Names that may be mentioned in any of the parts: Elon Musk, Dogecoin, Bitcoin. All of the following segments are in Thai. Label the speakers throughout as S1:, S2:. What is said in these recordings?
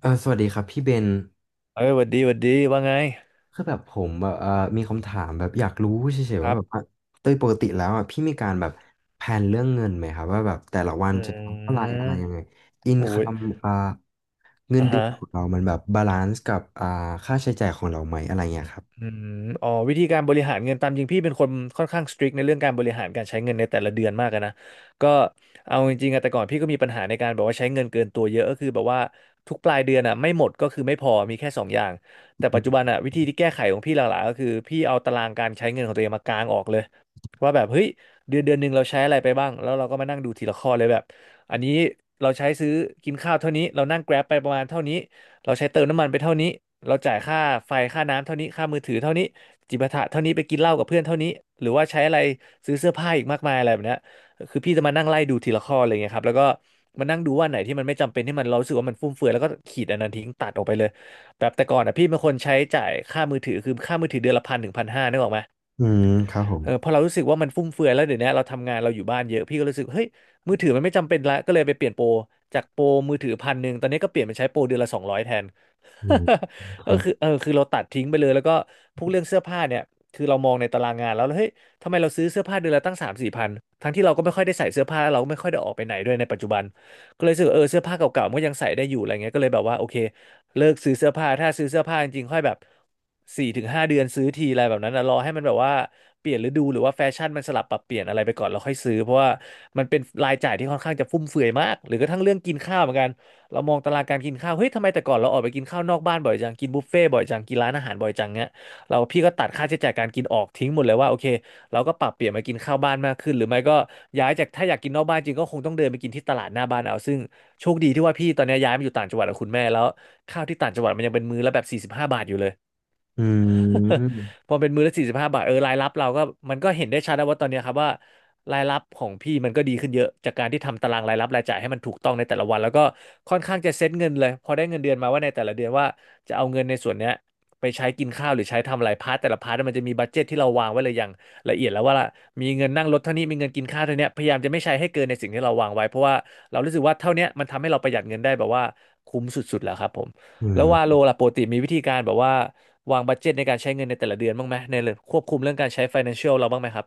S1: เออสวัสดีครับพี่เบน
S2: เอ้ยหวัดดีหวัดดี ว่าไง
S1: คือแบบผมแบบมีคำถามแบบอยากรู้เฉย
S2: ค
S1: ๆว่า
S2: รับ
S1: แบบว่าโดยปกติแล้วอ่ะพี่มีการแบบแผนเรื่องเงินไหมครับว่าแบบแต่ละวัน
S2: อื
S1: จะทำเท่าไห
S2: ม
S1: ร่อะไรยังไงอิน
S2: โอ้
S1: คั
S2: ย
S1: มอ่าเงิน
S2: อ่ะ
S1: เดือ
S2: ฮะ
S1: นของเรามันแบบบาลานซ์กับค่าใช้จ่ายของเราไหมอะไรเงี้ยครับ
S2: อืมอ๋อวิธีการบริหารเงินตามจริงพี่เป็นคนค่อนข้างสตริกในเรื่องการบริหารการใช้เงินในแต่ละเดือนมากอะนะก็เอาจริงๆอะแต่ก่อนพี่ก็มีปัญหาในการแบบว่าใช้เงินเกินตัวเยอะก็คือแบบว่าทุกปลายเดือนอะไม่หมดก็คือไม่พอมีแค่สองอย่างแต่ปัจจุบันอะวิธีที่แก้ไขของพี่หลักๆก็คือพี่เอาตารางการใช้เงินของตัวเองมากางออกเลยว่าแบบเฮ้ยเดือนเดือนหนึ่งเราใช้อะไรไปบ้างแล้วเราก็มานั่งดูทีละข้อเลยแบบอันนี้เราใช้ซื้อกินข้าวเท่านี้เรานั่ง Grab ไปประมาณเท่านี้ เราใช้เติมน้ำมันไปเท่านี้เราจ่ายค่าไฟค่าน้ำเท่านี้ค่ามือถือเท่านี้จิบะถะเท่านี้ไปกินเหล้ากับเพื่อนเท่านี้หรือว่าใช้อะไรซื้อเสื้อผ้าอีกมากมายอะไรแบบเนี้ยคือพี่จะมานั่งไล่ดูทีละข้ออะไรเงี้ยครับแล้วก็มานั่งดูว่าไหนที่มันไม่จำเป็นที่มันเรารู้สึกว่ามันฟุ่มเฟือยแล้วก็ขีดอันนั้นทิ้งตัดออกไปเลยแบบแต่ก่อนอ่ะพี่เป็นคนใช้จ่ายค่ามือถือคือค่ามือถือเดือนละ1,000 ถึง 1,500นึกออกไหม
S1: อืมครับผม
S2: เออพอเรารู้สึกว่ามันฟุ่มเฟือยแล้วเดี๋ยวนี้เราทำงานเราอยู่บ้านเยอะพี่ก็รู้สึกเฮ้ยมือถือมันไม่จำเป็นละก็เลยไปเปลี่ยนโปรจากโปรมือถือ1,100ตอนนี้ก็เปลี่ยนไปใช้โปรเดือนละ200แทน
S1: อืมค
S2: ก็
S1: รับ
S2: คือเออคือเราตัดทิ้งไปเลยแล้วก็พวกเรื่องเสื้อผ้าเนี่ยคือเรามองในตารางงานแล้วเฮ้ยทำไมเราซื้อเสื้อผ้าเดือนละตั้ง3,000-4,000ทั้งที่เราก็ไม่ค่อยได้ใส่เสื้อผ้าแล้วเราก็ไม่ค่อยได้ออกไปไหนด้วยในปัจจุบันก็เลยรู้สึกว่าเออเสื้อผ้าเก่าๆมันก็ยังใส่ได้อยู่อะไรเงี้ยก็เลยแบบว่าโอเค เลิกซื้อเสื้อผ้าถ้าซื้อเสื้อผ้าจริงๆค่อยแบบ4 ถึง 5 เดือนซื้อทีอะไรแบบนั้นนะรอให้มันแบบว่าเปลี่ยนฤดูหรือว่าแฟชั่นมันสลับปรับเปลี่ยนอะไรไปก่อนเราค่อยซื้อเพราะว่ามันเป็นรายจ่ายที่ค่อนข้างจะฟุ่มเฟือยมากหรือกระทั่งเรื่องกินข้าวเหมือนกันเรามองตารางการกินข้าวเฮ้ยทำไมแต่ก่อนเราออกไปกินข้าวนอกบ้านบ่อยจังกินบุฟเฟ่ต์บ่อยจังกินร้านอาหารบ่อยจังเงี้ยเราพี่ก็ตัดค่าใช้จ่ายการกินออกทิ้งหมดเลยว่าโอเค เราก็ปรับเปลี่ยนมากินข้าวบ้านมากขึ้นหรือไม่ก็ย้ายจากถ้าอยากกินนอกบ้านจริงก็คงต้องเดินไปกินที่ตลาดหน้าบ้านเอาซึ่งโชคดีที่ว่าพี่ตอนนี้ย้ายมาอยู่ต่างจังหวัดกับคุณแม่แล้วข้าวที่ต่างจังหวัดมันยังเป็นมื้อละแบบสี่สิบห้าบาทอยู่เลย
S1: อืม
S2: พอเป็นมื้อละ45 บาทเออรายรับเราก็มันก็เห็นได้ชัดแล้วว่าตอนเนี้ยครับว่ารายรับของพี่มันก็ดีขึ้นเยอะจากการที่ทำตารางรายรับรายจ่ายให้มันถูกต้องในแต่ละวันแล้วก็ค่อนข้างจะเซ็ตเงินเลยพอได้เงินเดือนมาว่าในแต่ละเดือนว่าจะเอาเงินในส่วนเนี้ยไปใช้กินข้าวหรือใช้ทำอะไรพาร์ทแต่ละพาร์ทมันจะมีบัดเจ็ตที่เราวางไว้เลยอย่างละเอียดแล้วว่ามีเงินนั่งรถเท่านี้มีเงินกินข้าวเท่านี้พยายามจะไม่ใช้ให้เกินในสิ่งที่เราวางไว้เพราะว่าเรารู้สึกว่าเท่าเนี้ยมันทำให้เราประหยัดเงินได้แบบว่าคุ้มสุดๆแล้วครับผม
S1: อื
S2: แล้วว่าโล
S1: ม
S2: ล่ะปกติมีวิธีการแบบว่า วางบัดเจ็ตในการใช้เงินในแต่ละเดือนบ้างไหมในเรื่องควบคุมเรื่องการใช้ financial เราบ้างไหมครับ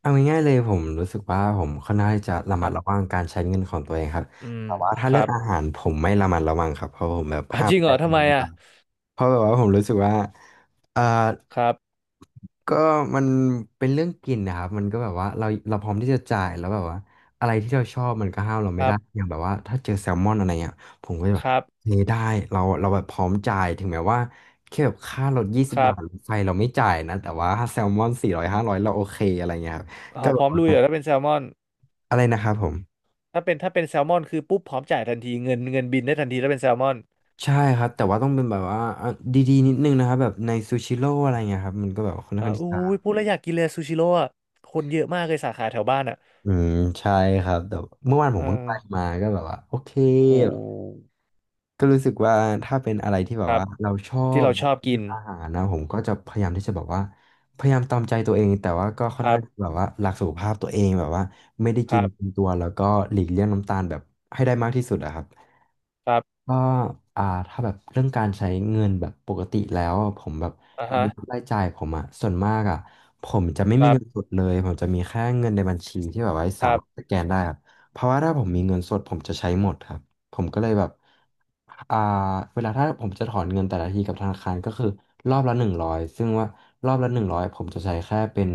S1: เอาง่ายๆเลยผมรู้สึกว่าผมค่อนข้างที่จะระ
S2: ค
S1: มั
S2: รั
S1: ด
S2: บ
S1: ระวังการใช้เงินของตัวเองครับ
S2: อืม
S1: แต่ว่าถ้า
S2: ค
S1: เรื่
S2: รั
S1: อง
S2: บ
S1: อาหารผมไม่ระมัดระวังครับเพราะผมแบบ
S2: อ่ะ
S1: ห้า
S2: จ
S1: ม
S2: ริง
S1: ใจ
S2: เหรอ
S1: เอ
S2: ทำไมอ่ะ
S1: เพราะแบบว่าผมรู้สึกว่าเอ่อ
S2: ครับ
S1: ก็มันเป็นเรื่องกลิ่นนะครับมันก็แบบว่าเราพร้อมที่จะจ่ายแล้วแบบว่าอะไรที่เราชอบมันก็ห้ามเรา
S2: ค
S1: ไม่
S2: รั
S1: ได้
S2: บ
S1: อย่างแบบว่าถ้าเจอแซลมอนอะไรเงี้ยผมก็จะแบ
S2: ค
S1: บ
S2: รับ
S1: เฮ้ยได้เราแบบพร้อมจ่ายถึงแม้ว่าแค่แบบค่ารถยี่สิ
S2: ค
S1: บ
S2: รั
S1: บา
S2: บ
S1: ทรถไฟเราไม่จ่ายนะแต่ว่าถ้าแซลมอน400 500เราโอเคอะไรเงี้ยครับ
S2: อ๋อ
S1: ก็
S2: พ
S1: แบ
S2: ร้
S1: บ
S2: อม
S1: ว่า
S2: ลุยเหรอถ้าเป็นแซลมอน
S1: อะไรนะครับผม
S2: ถ้าเป็นแซลมอนคือปุ๊บพร้อมจ่ายทันทีเงินบินได้ทันทีถ้าเป็นแซลมอน
S1: ใช่ครับแต่ว่าต้องเป็นแบบว่าอ่ะดีๆนิดนึงนะครับแบบในซูชิโร่อะไรเงี้ยครับมันก็แบบค่อน
S2: อ่า
S1: ข้างที่
S2: อุ้
S1: จะ
S2: ยพูดแล้วอยากกินเลยซูชิโร่อะคนเยอะมากเลยสาขาแถวบ้านอ่ะ
S1: อืมใช่ครับแต่เมื่อวานผมเพิ่ง
S2: เอ่า
S1: ไปมาก็แบบว่าโอเค
S2: โห
S1: แบบก็รู้สึกว่าถ้าเป็นอะไรที่แบ
S2: ค
S1: บ
S2: รับ
S1: ว่าเราชอ
S2: ที่
S1: บ
S2: เราชอบกิ
S1: เรื่อ
S2: น
S1: งอาหารนะผมก็จะพยายามที่จะแบบว่าพยายามตามใจตัวเองแต่ว่าก็ค่อ
S2: ค
S1: น
S2: รั
S1: ข้าง
S2: บ
S1: แบบว่ารักสุขภาพตัวเองแบบว่าไม่ได้
S2: ค
S1: กิ
S2: รั
S1: นเกิน
S2: บ
S1: ตัวแล้วก็หลีกเลี่ยงน้ำตาลแบบให้ได้มากที่สุดอะครับ
S2: ครับ
S1: ก็ถ้าแบบเรื่องการใช้เงินแบบปกติแล้วอะผมแบบ
S2: อ่า
S1: ราย
S2: ฮะ
S1: รับรายจ่ายผมอะส่วนมากอะผมจะไม่
S2: ค
S1: มี
S2: รั
S1: เงินส
S2: บ
S1: ดเลยผมจะมีแค่เงินในบัญชีที่แบบไว้
S2: ค
S1: สา
S2: รั
S1: มารถ
S2: บ
S1: สแกนได้ครับเพราะว่าถ้าผมมีเงินสดผมจะใช้หมดครับผมก็เลยแบบอ่าเวลาถ้าผมจะถอนเงินแต่ละทีกับธนาคารก็คือรอบละหนึ่งร้อยซึ่งว่ารอบละหนึ่งร้อยผมจะใช้แค่เป็น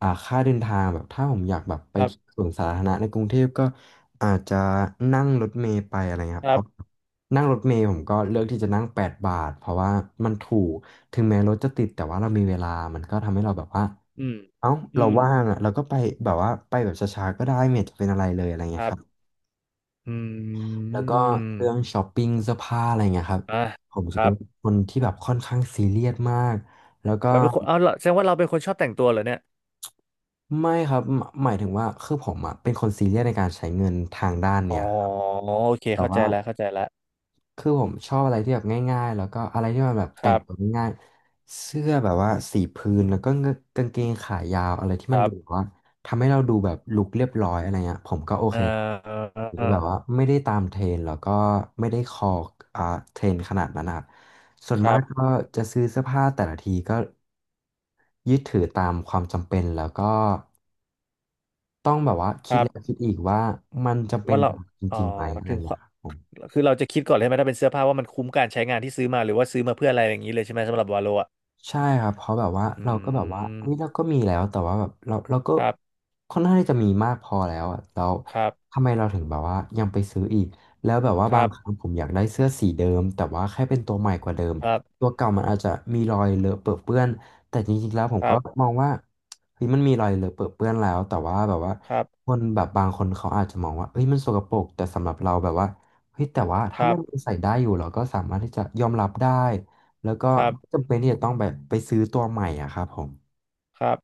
S1: ค่าเดินทางแบบถ้าผมอยากแบบไป
S2: ครั
S1: ที่
S2: บ
S1: สวนสาธารณะในกรุงเทพก็อาจจะนั่งรถเมล์ไปอะไรเงี้ยครั
S2: ค
S1: บเพ
S2: รั
S1: ราะ
S2: บ
S1: นั่งรถเมล์ผมก็เลือกที่จะนั่ง8บาทเพราะว่ามันถูกถึงแม้รถจะติดแต่ว่าเรามีเวลามันก็ทำให้เราแบบว่า
S2: อืม
S1: เอ้าเรา
S2: อืม
S1: ว่างอ่ะเราก็ไปแบบว่าไปแบบช้าๆก็ได้ไม่เห็นจะเป็นอะไรเลยอะไร
S2: ค
S1: เงี้ย
S2: รั
S1: ครับ
S2: บ อื
S1: แล้วก็เรื่อง
S2: ม
S1: ช้อปปิ้งเสื้อผ้าอะไรเงี้ยครับ
S2: อ่ะ
S1: ผม
S2: ค
S1: จะ
S2: รั
S1: เป็น
S2: บ
S1: คนที่แบบค่อนข้างซีเรียสมากแล้วก็
S2: เราเป็นคนเอาเหรอแสดงว่าเราเป็นคนชอบแต่งตัวเหรอเนี่ย
S1: ไม่ครับหมายถึงว่าคือผมอ่ะเป็นคนซีเรียสในการใช้เงินทางด้าน
S2: อ๋
S1: เนี่
S2: อ
S1: ยครับ
S2: โอเค
S1: แต่
S2: เข้าใจ
S1: ว่า
S2: แล้วเข้าใจแล้ว
S1: คือผมชอบอะไรที่แบบง่ายๆแล้วก็อะไรที่มันแบบ
S2: ค
S1: แต่
S2: รั
S1: ง
S2: บ
S1: ตัวง่ายๆเสื้อแบบว่าสีพื้นแล้วก็กางเกงขายาวอะไรที่
S2: ค
S1: มัน
S2: รั
S1: ดูแบ
S2: บ
S1: บว่าทำให้เราดูแบบลุคเรียบร้อยอะไรเงี้ยผมก็โอ
S2: อ่
S1: เคครับ
S2: า
S1: ที่แบบว่าไม่ได้ตามเทรนด์แล้วก็ไม่ได้คออ่าเทรนด์ขนาดนั้นนะครับส่วน
S2: ค
S1: มา
S2: รั
S1: ก
S2: บ
S1: ก็จะซื้อเสื้อผ้าแต่ละทีก็ยึดถือตามความจำเป็นแล้วก็ต้องแบบว่า
S2: ค
S1: คิด
S2: รั
S1: แล้ว
S2: บ
S1: คิดอีกว่ามันจำเป็น
S2: ว่าเรา
S1: กับเราจ
S2: อ๋อ
S1: ริงๆไหมอะไร
S2: ถึงค
S1: เงี้ย
S2: วาม
S1: ครับผม
S2: คือเราจะคิดก่อนเลยไหมถ้าเป็นเสื้อผ้าว่ามันคุ้มการใช้งานที่ซื้อมาหรือว่าซื้อมาเพื่ออะไรอย่างนี้เลยใช่ไหมสำหรับวาโลอ่ะ
S1: ใช่ครับเพราะแบบว่า
S2: อื
S1: เราก็แบบว่าเฮ้ยเรา
S2: ม
S1: ก็มีแล้วแต่ว่าแบบเราก็
S2: ครับ
S1: ค่อนข้างที่จะมีมากพอแล้วอะแล้ว
S2: ครับ
S1: ทำไมเราถึงแบบว่ายังไปซื้ออีกแล้วแบบว่า
S2: ค
S1: บา
S2: รั
S1: ง
S2: บ
S1: ครั้งผมอยากได้เสื้อสีเดิมแต่ว่าแค่เป็นตัวใหม่กว่าเดิม
S2: ครับ
S1: ตัวเก่ามันอาจจะมีรอยเลอะเปื้อะเปื้อนแต่จริงๆแล้วผม
S2: ค
S1: ก็
S2: รับ
S1: มองว่าเฮ้ยมันมีรอยเลอะเปื้อะเปื้อนแล้วแต่ว่าแบบว่า
S2: ครับ
S1: คนแบบบางคนเขาอาจจะมองว่าเฮ้ยมันสกปรกแต่สำหรับเราแบบว่าเฮ้ยแต่ว่า
S2: ค
S1: ถ้า
S2: รั
S1: มั
S2: บ
S1: นใส่ได้อยู่เราก็สามารถที่จะยอมรับได้ แล้วก็
S2: ครับ
S1: ไม่จำเป็นที่จะต้องแบบไปซื้อตัวใหม่อะครับผม
S2: ครับ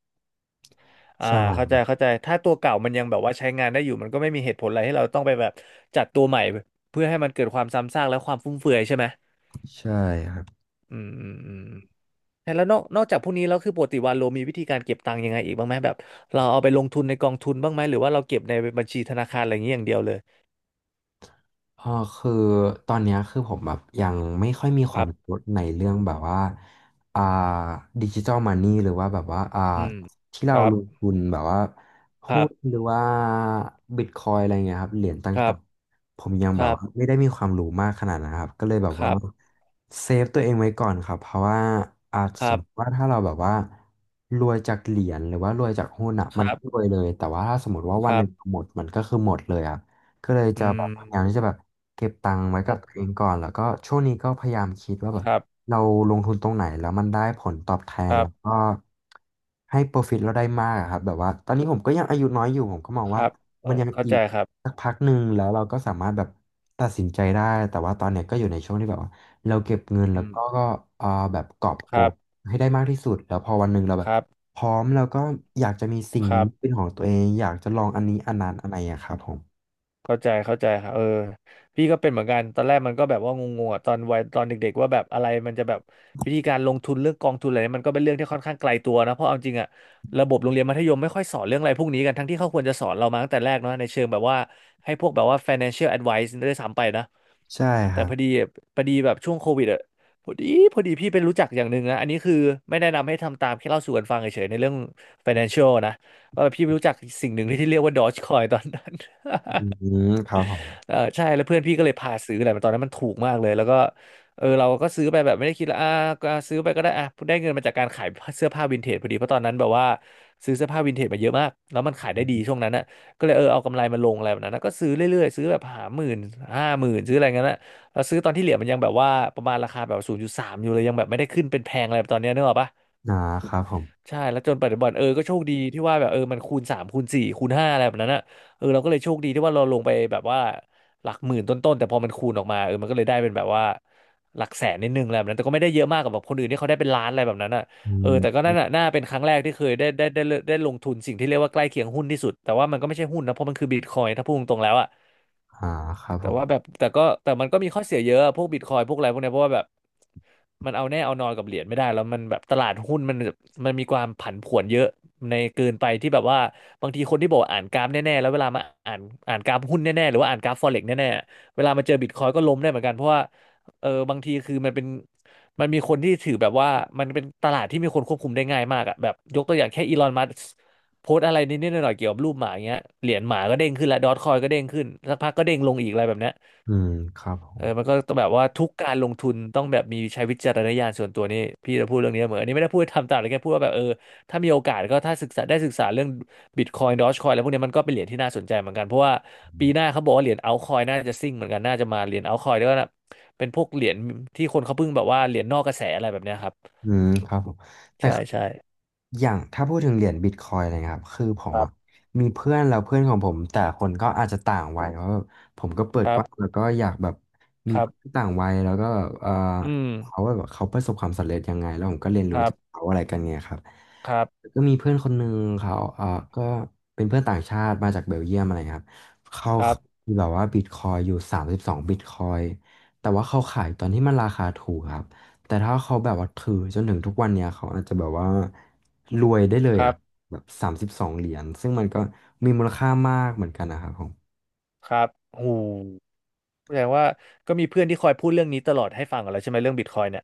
S2: อ่า
S1: ใ
S2: เข้าใจ
S1: ช่
S2: เข้าใจถ้าตัวเก่ามันยังแบบว่าใช้งานได้อยู่มันก็ไม่มีเหตุผลอะไรให้เราต้องไปแบบจัดตัวใหม่เพื่อให้มันเกิดความซ้ำซากและความฟุ่มเฟือยใช่ไหม
S1: ใช่ครับ
S2: อืมอืมอืมแล้วนอกจากพวกนี้แล้วคือปกติวาโลมีวิธีการเก็บตังค์ยังไงอีกบ้างไหมแบบเราเอาไปลงทุนในกองทุนบ้างไหมหรือว่าเราเก็บในบัญชีธนาคารอะไรอย่างนี้อย่างเดียวเลย
S1: เออคือตอนเนี้ยคือผมแบบยังไม่ค่อยมีค
S2: ค
S1: วาม
S2: รับ
S1: รู้ในเรื่องแบบว่าอ่าดิจิ t a ลมันนี่หรือว่าแบบว่า
S2: อืม
S1: ที่
S2: ค
S1: เรา
S2: รั
S1: ลง
S2: บ
S1: ทุนแบบว่า
S2: ค
S1: หุ้
S2: รั
S1: น
S2: บ
S1: หรือว่าบิตคอยอะไรเงี้ยครับเหรียญต
S2: ครั
S1: ่า
S2: บ
S1: งๆผมยัง
S2: ค
S1: แบบ
S2: รับ
S1: ว่าไม่ได้มีความรู้มากขนาดนั้นครับก็เลยแบบ
S2: ค
S1: ว่า
S2: รับ
S1: เซฟตัวเองไว้ก่อนครับเพราะว่าอาจ
S2: ค
S1: ส
S2: รั
S1: มมติ
S2: บ
S1: ว่าถ้าเราแบบว่ารวยจากเหรียญหรือว่ารวยจากหุ้นอ่ะ
S2: ค
S1: มัน
S2: รั
S1: ก็ร
S2: บ
S1: วยเลยแต่ว่าถ้าสมมติว่า
S2: ค
S1: วันห
S2: รั
S1: นึ่
S2: บ
S1: งหมดมันก็คือหมดเลยอ่ะ ก็เลย
S2: อื
S1: จะแบ
S2: ม
S1: บพยายามที่จะแบบเก็บตังค์ไว้กับ
S2: โอ้
S1: ตัวเองก่อนแล้วก็ช่วงนี้ก็พยายามคิดว่าแบ
S2: ค
S1: บ
S2: รับ
S1: เราลงทุนตรงไหนแล้วมันได้ผลตอบแท
S2: ค
S1: น
S2: รั
S1: แล้ว
S2: บ
S1: ก็ให้ profit เราได้มากอะครับแบบว่าตอนนี้ผมก็ยังอายุน้อยอยู่ผมก็มอง
S2: ค
S1: ว่า
S2: รับเอ
S1: มัน
S2: อ
S1: ยัง
S2: เข้า
S1: อี
S2: ใจ
S1: ก
S2: ครับ
S1: สักพักหนึ่งแล้วเราก็สามารถแบบตัดสินใจได้แต่ว่าตอนเนี้ยก็อยู่ในช่วงที่แบบว่าเราเก็บเงิน
S2: อื
S1: แล้ว
S2: ม
S1: ก็เอ่อแบบกอบโก
S2: ครั
S1: ย
S2: บ
S1: ให้ได้มากที่สุดแล้วพอวันหนึ่งเราแบ
S2: ค
S1: บ
S2: รับ
S1: พร้อมแล้วก็อยากจะมีสิ่ง
S2: ครั
S1: นี้เป็
S2: บ
S1: นของตัวเองอยากจะลองอันนี้อันนั้นอะไรอะครับผม
S2: เข้าใจเข้าใจครับเออพี่ก็เป็นเหมือนกัน ตอนแรกมันก็แบบว่างงๆอะตอนวัยตอนเด็กๆว่าแบบอะไรมันจะแบบวิธีการลงทุนเรื่องกองทุนอะไรเนี่ยมันก็เป็นเรื่องที่ค่อนข้างไกลตัวนะ เพราะเอาจริงอะระบบโรงเรียนมัธยมไม่ค่อยสอนเรื่องอะไรพวกนี้กันทั้งที่เขาควรจะสอนเรามาตั้งแต่แรกเนาะในเชิงแบบว่าให้พวกแบบว่า financial advice ด้วยซ้ำไปนะ
S1: ใช่ค
S2: แต่
S1: รั
S2: พอ
S1: บ
S2: ดีพอดีแบบช่วงโควิดอะพอดีพอดีพี่เป็นรู้จักอย่างหนึ่งนะอันนี้คือไม่แนะนำให้ทำตามแค่เล่าสู่กันฟังเฉยๆในเรื่อง financial นะว่าพี่ไปรู้จักสิ่งหนึ่งที่เรียกว่า Dogecoin ตอนนั้น
S1: อืมครับผม
S2: เออใช่แล้วเพื่อนพี่ก็เลยพาซื้อแหละมันตอนนั้นมันถูกมากเลยแล้วก็เออเราก็ซื้อไปแบบไม่ได้คิดละอ่าก็ซื้อไปก็ได้อ่ะได้เงินมาจากการขายเสื้อผ้าวินเทจพอดีเพราะตอนนั้นแบบว่าซื้อเสื้อผ้าวินเทจมาเยอะมากแล้วมันขายได้ดีช่วงนั้นน่ะก็เลยเออเอากำไรมาลงอะไรแบบนั้นนะก็ซื้อเรื่อยๆซื้อแบบหาหมื่นห้าหมื่นซื้ออะไรเงี้ยนะเราซื้อตอนที่เหรียญมันยังแบบว่าประมาณราคาแบบศูนย์จุดสามอยู่เลยยังแบบไม่ได้ขึ้นเป็นแพงอะไรแบบตอนเนี้ยนึกออกปะ
S1: อ่าครับผม
S2: ใช่แล้วจนปัจจุบันเออก็โชคดีที่ว่าแบบเออมันคูณสามคูณสี่คูณห้าอะไรแบบนั้นอ่ะเออเราก็เลยโชคดีที่ว่าเราลงไปแบบว่าหลักหมื่นต้นๆแต่พอมันคูณออกมาเออมันก็เลยได้เป็นแบบว่าหลักแสนนิดนึงอะไรแบบนั้นแต่ก็ไม่ได้เยอะมากกับแบบคนอื่นที่เขาได้เป็นล้านอะไรแบบนั้นอ่ะ
S1: อื
S2: เออแต่ก็
S1: ม
S2: นั่นนะน่าเป็นครั้งแรกที่เคยได้ลงทุนสิ่งที่เรียกว่าใกล้เคียงหุ้นที่สุดแต่ว่ามันก็ไม่ใช่หุ้นนะเพราะมันคือบิตคอยน์ถ้าพูดตรงๆแล้วอ่ะ
S1: อ่าครับ
S2: แต่
S1: ผม
S2: ว่าแบบแต่ก็แต่มันก็มีข้อเสียเยอะพวกบิตคอยพวกอะไรพวกเนี้ยเพราะว่าแบบมันเอาแน่เอานอนกับเหรียญไม่ได้แล้วมันแบบตลาดหุ้นมันมีความผันผวนเยอะในเกินไปที่แบบว่าบางทีคนที่บอกวอ่านกราฟแน่ๆแล้วเวลามาอ่านอ่านกราฟหุ้นแน่ๆหรือว่าอ่านกราฟฟอเร็กซ์แน่ๆเวลามาเจอบิตคอยก็ล้มได้เหมือนกันเพราะว่าเออบางทีคือมันเป็นมันมีคนที่ถือแบบว่ามันเป็นตลาดที่มีคนควบคุมได้ง่ายมากอะแบบยกตัวอย่างแค่อีลอนมัส โพสต์อะไรนิดๆหน่อยๆเกี่ยวกับรูปหมาอย่างเงี้ยเหรียญหมาก็เด้งขึ้นแล้วดอทคอยก็เด้งขึ้นสักพักก็เด้งลงอีกอะไรแบบเนี้ย
S1: อืมครับผ
S2: เออมันก็ต้องแบบว่าทุกการลงทุนต้องแบบมีใช้วิจารณญาณส่วนตัวนี่พี่จะพูดเรื่องนี้เหมอนอันนี้ไม่ได้พูดทำตามเลยแค่พูดว่าแบบเออถ้ามีโอกาสก็ถ้าศึกษาได้ศึกษาเรื่องบิตคอยน์ดอทคอยอะไรพวกเนี้ยมันก็เป็นเหรียญที่น่าสนใจเหมือนกันเพราะว่าปี
S1: ม
S2: หน้าเขาบอกว่าเหรียญเอาคอยน่าจะซิ่งเหมือนกันน่าจะมาเหรียญเอาคอยด้วยนะเป็นพวกเหรียญที่คนเขาเพิ่งแบบว่าเหรียญนอกกระแสอะไรแบบเนี้ยครับ
S1: อืมครับผมแต่
S2: ใช่
S1: คือ
S2: ใช่
S1: อย่างถ้าพูดถึงเหรียญบิตคอยอะไรเงี้ยครับคือผม
S2: ครั
S1: อ่ะ
S2: บ
S1: มีเพื่อนแล้วเพื่อนของผมแต่ละคนก็อาจจะต่างวัยเพราะแบบผมก็เปิด
S2: ครั
S1: ก
S2: บ
S1: ว้างแล้วก็อยากแบบมี
S2: ครั
S1: เพื่อ
S2: บ
S1: นต่างวัยแล้วก็แบบเออ
S2: อืม
S1: เขาแบบเขาประสบความสำเร็จยังไงแล้วผมก็เรียน
S2: ค
S1: รู้
S2: รั
S1: จาก
S2: บ
S1: เขาอะไรกันเนี่ยครับ
S2: ครับ
S1: แล้วก็มีเพื่อนคนหนึ่งเขาเออก็เป็นเพื่อนต่างชาติมาจากเบลเยียมอะไรครับเขา
S2: ครับ
S1: มีแบบว่าบิตคอยอยู่สามสิบสองบิตคอยแต่ว่าเขาขายตอนที่มันราคาถูกครับ แต่ถ้าเขาแบบว่าถือจนถึงทุกวันเนี่ยเขาอาจจะแบบว่ารวยได้เลย
S2: ครั
S1: อ่ะ
S2: บ
S1: แบบสามสิบสองเหรียญซึ่งมันก็มีมูลค่ามากเหมือนกันนะครับผม
S2: ครับโอ้โหแสดงว่าก็มีเพื่อนที่คอยพูดเรื่องนี้ตลอดให้ฟังกันแล้วใช่ไหมเรื่องบิตคอยเนี่ย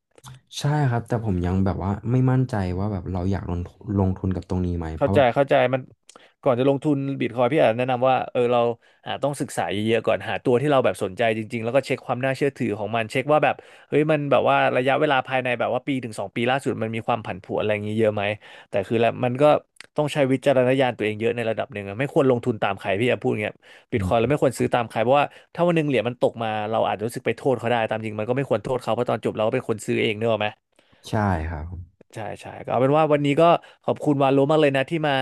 S1: ใช่ครับแต่ผมยังแบบว่าไม่มั่นใจว่าแบบเราอยากลงทุนลงทุนกับตรงนี้ไหมเพ
S2: เข้า
S1: ราะ
S2: ใจ
S1: ว่า
S2: เข้าใจมันก่อนจะลงทุนบิตคอยพี่อาจแนะนำว่าเออเราอาจต้องศึกษาเยอะๆก่อนหาตัวที่เราแบบสนใจจริงๆแล้วก็เช็คความน่าเชื่อถือของมันเช็คว่าแบบเฮ้ยมันแบบว่าระยะเวลาภายในแบบว่าปีถึงสองปีล่าสุดมันมีความผันผวนอะไรอย่างนี้เยอะไหมแต่คือแล้วมันก็ต้องใช้วิจารณญาณตัวเองเยอะในระดับหนึ่งอะไม่ควรลงทุนตามใครพี่อาพูดเงี้ยบิ
S1: อื
S2: ตคอยเรา
S1: ม
S2: ไม่ควรซื้อตามใครเพราะว่าถ้าวันหนึ่งเหรียญมันตกมาเราอาจจะรู้สึกไปโทษเขาได้ตามจริงมันก็ไม่ควรโทษเขาเพราะตอนจบเราก็เป็นคนซื้อเองเนกอะไหม
S1: ใช่ครับผม
S2: ใช่ใช่ก็เอาเป็นว่าวันนี้ก็ขอบคุณวาโลมากเลยนะที่มา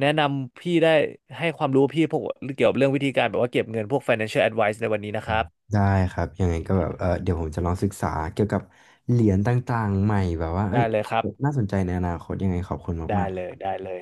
S2: แนะนำพี่ได้ให้ความรู้พี่พวกเกี่ยวกับเรื่องวิธีการแบบว่าเก็บเงินพวก financial advice ในวันนี้นะค
S1: อื
S2: รั
S1: ม
S2: บ
S1: ได้ครับยังไงก็แบบเออเดี๋ยวผมจะลองศึกษาเกี่ยวกับเหรียญต่างๆใหม่แบบว่าเอ้
S2: ได้
S1: ย
S2: เลยครับ
S1: น่าสนใจในอนาคตยังไงขอบคุณ
S2: ได้
S1: มาก
S2: เลย
S1: ๆ
S2: ได้เลย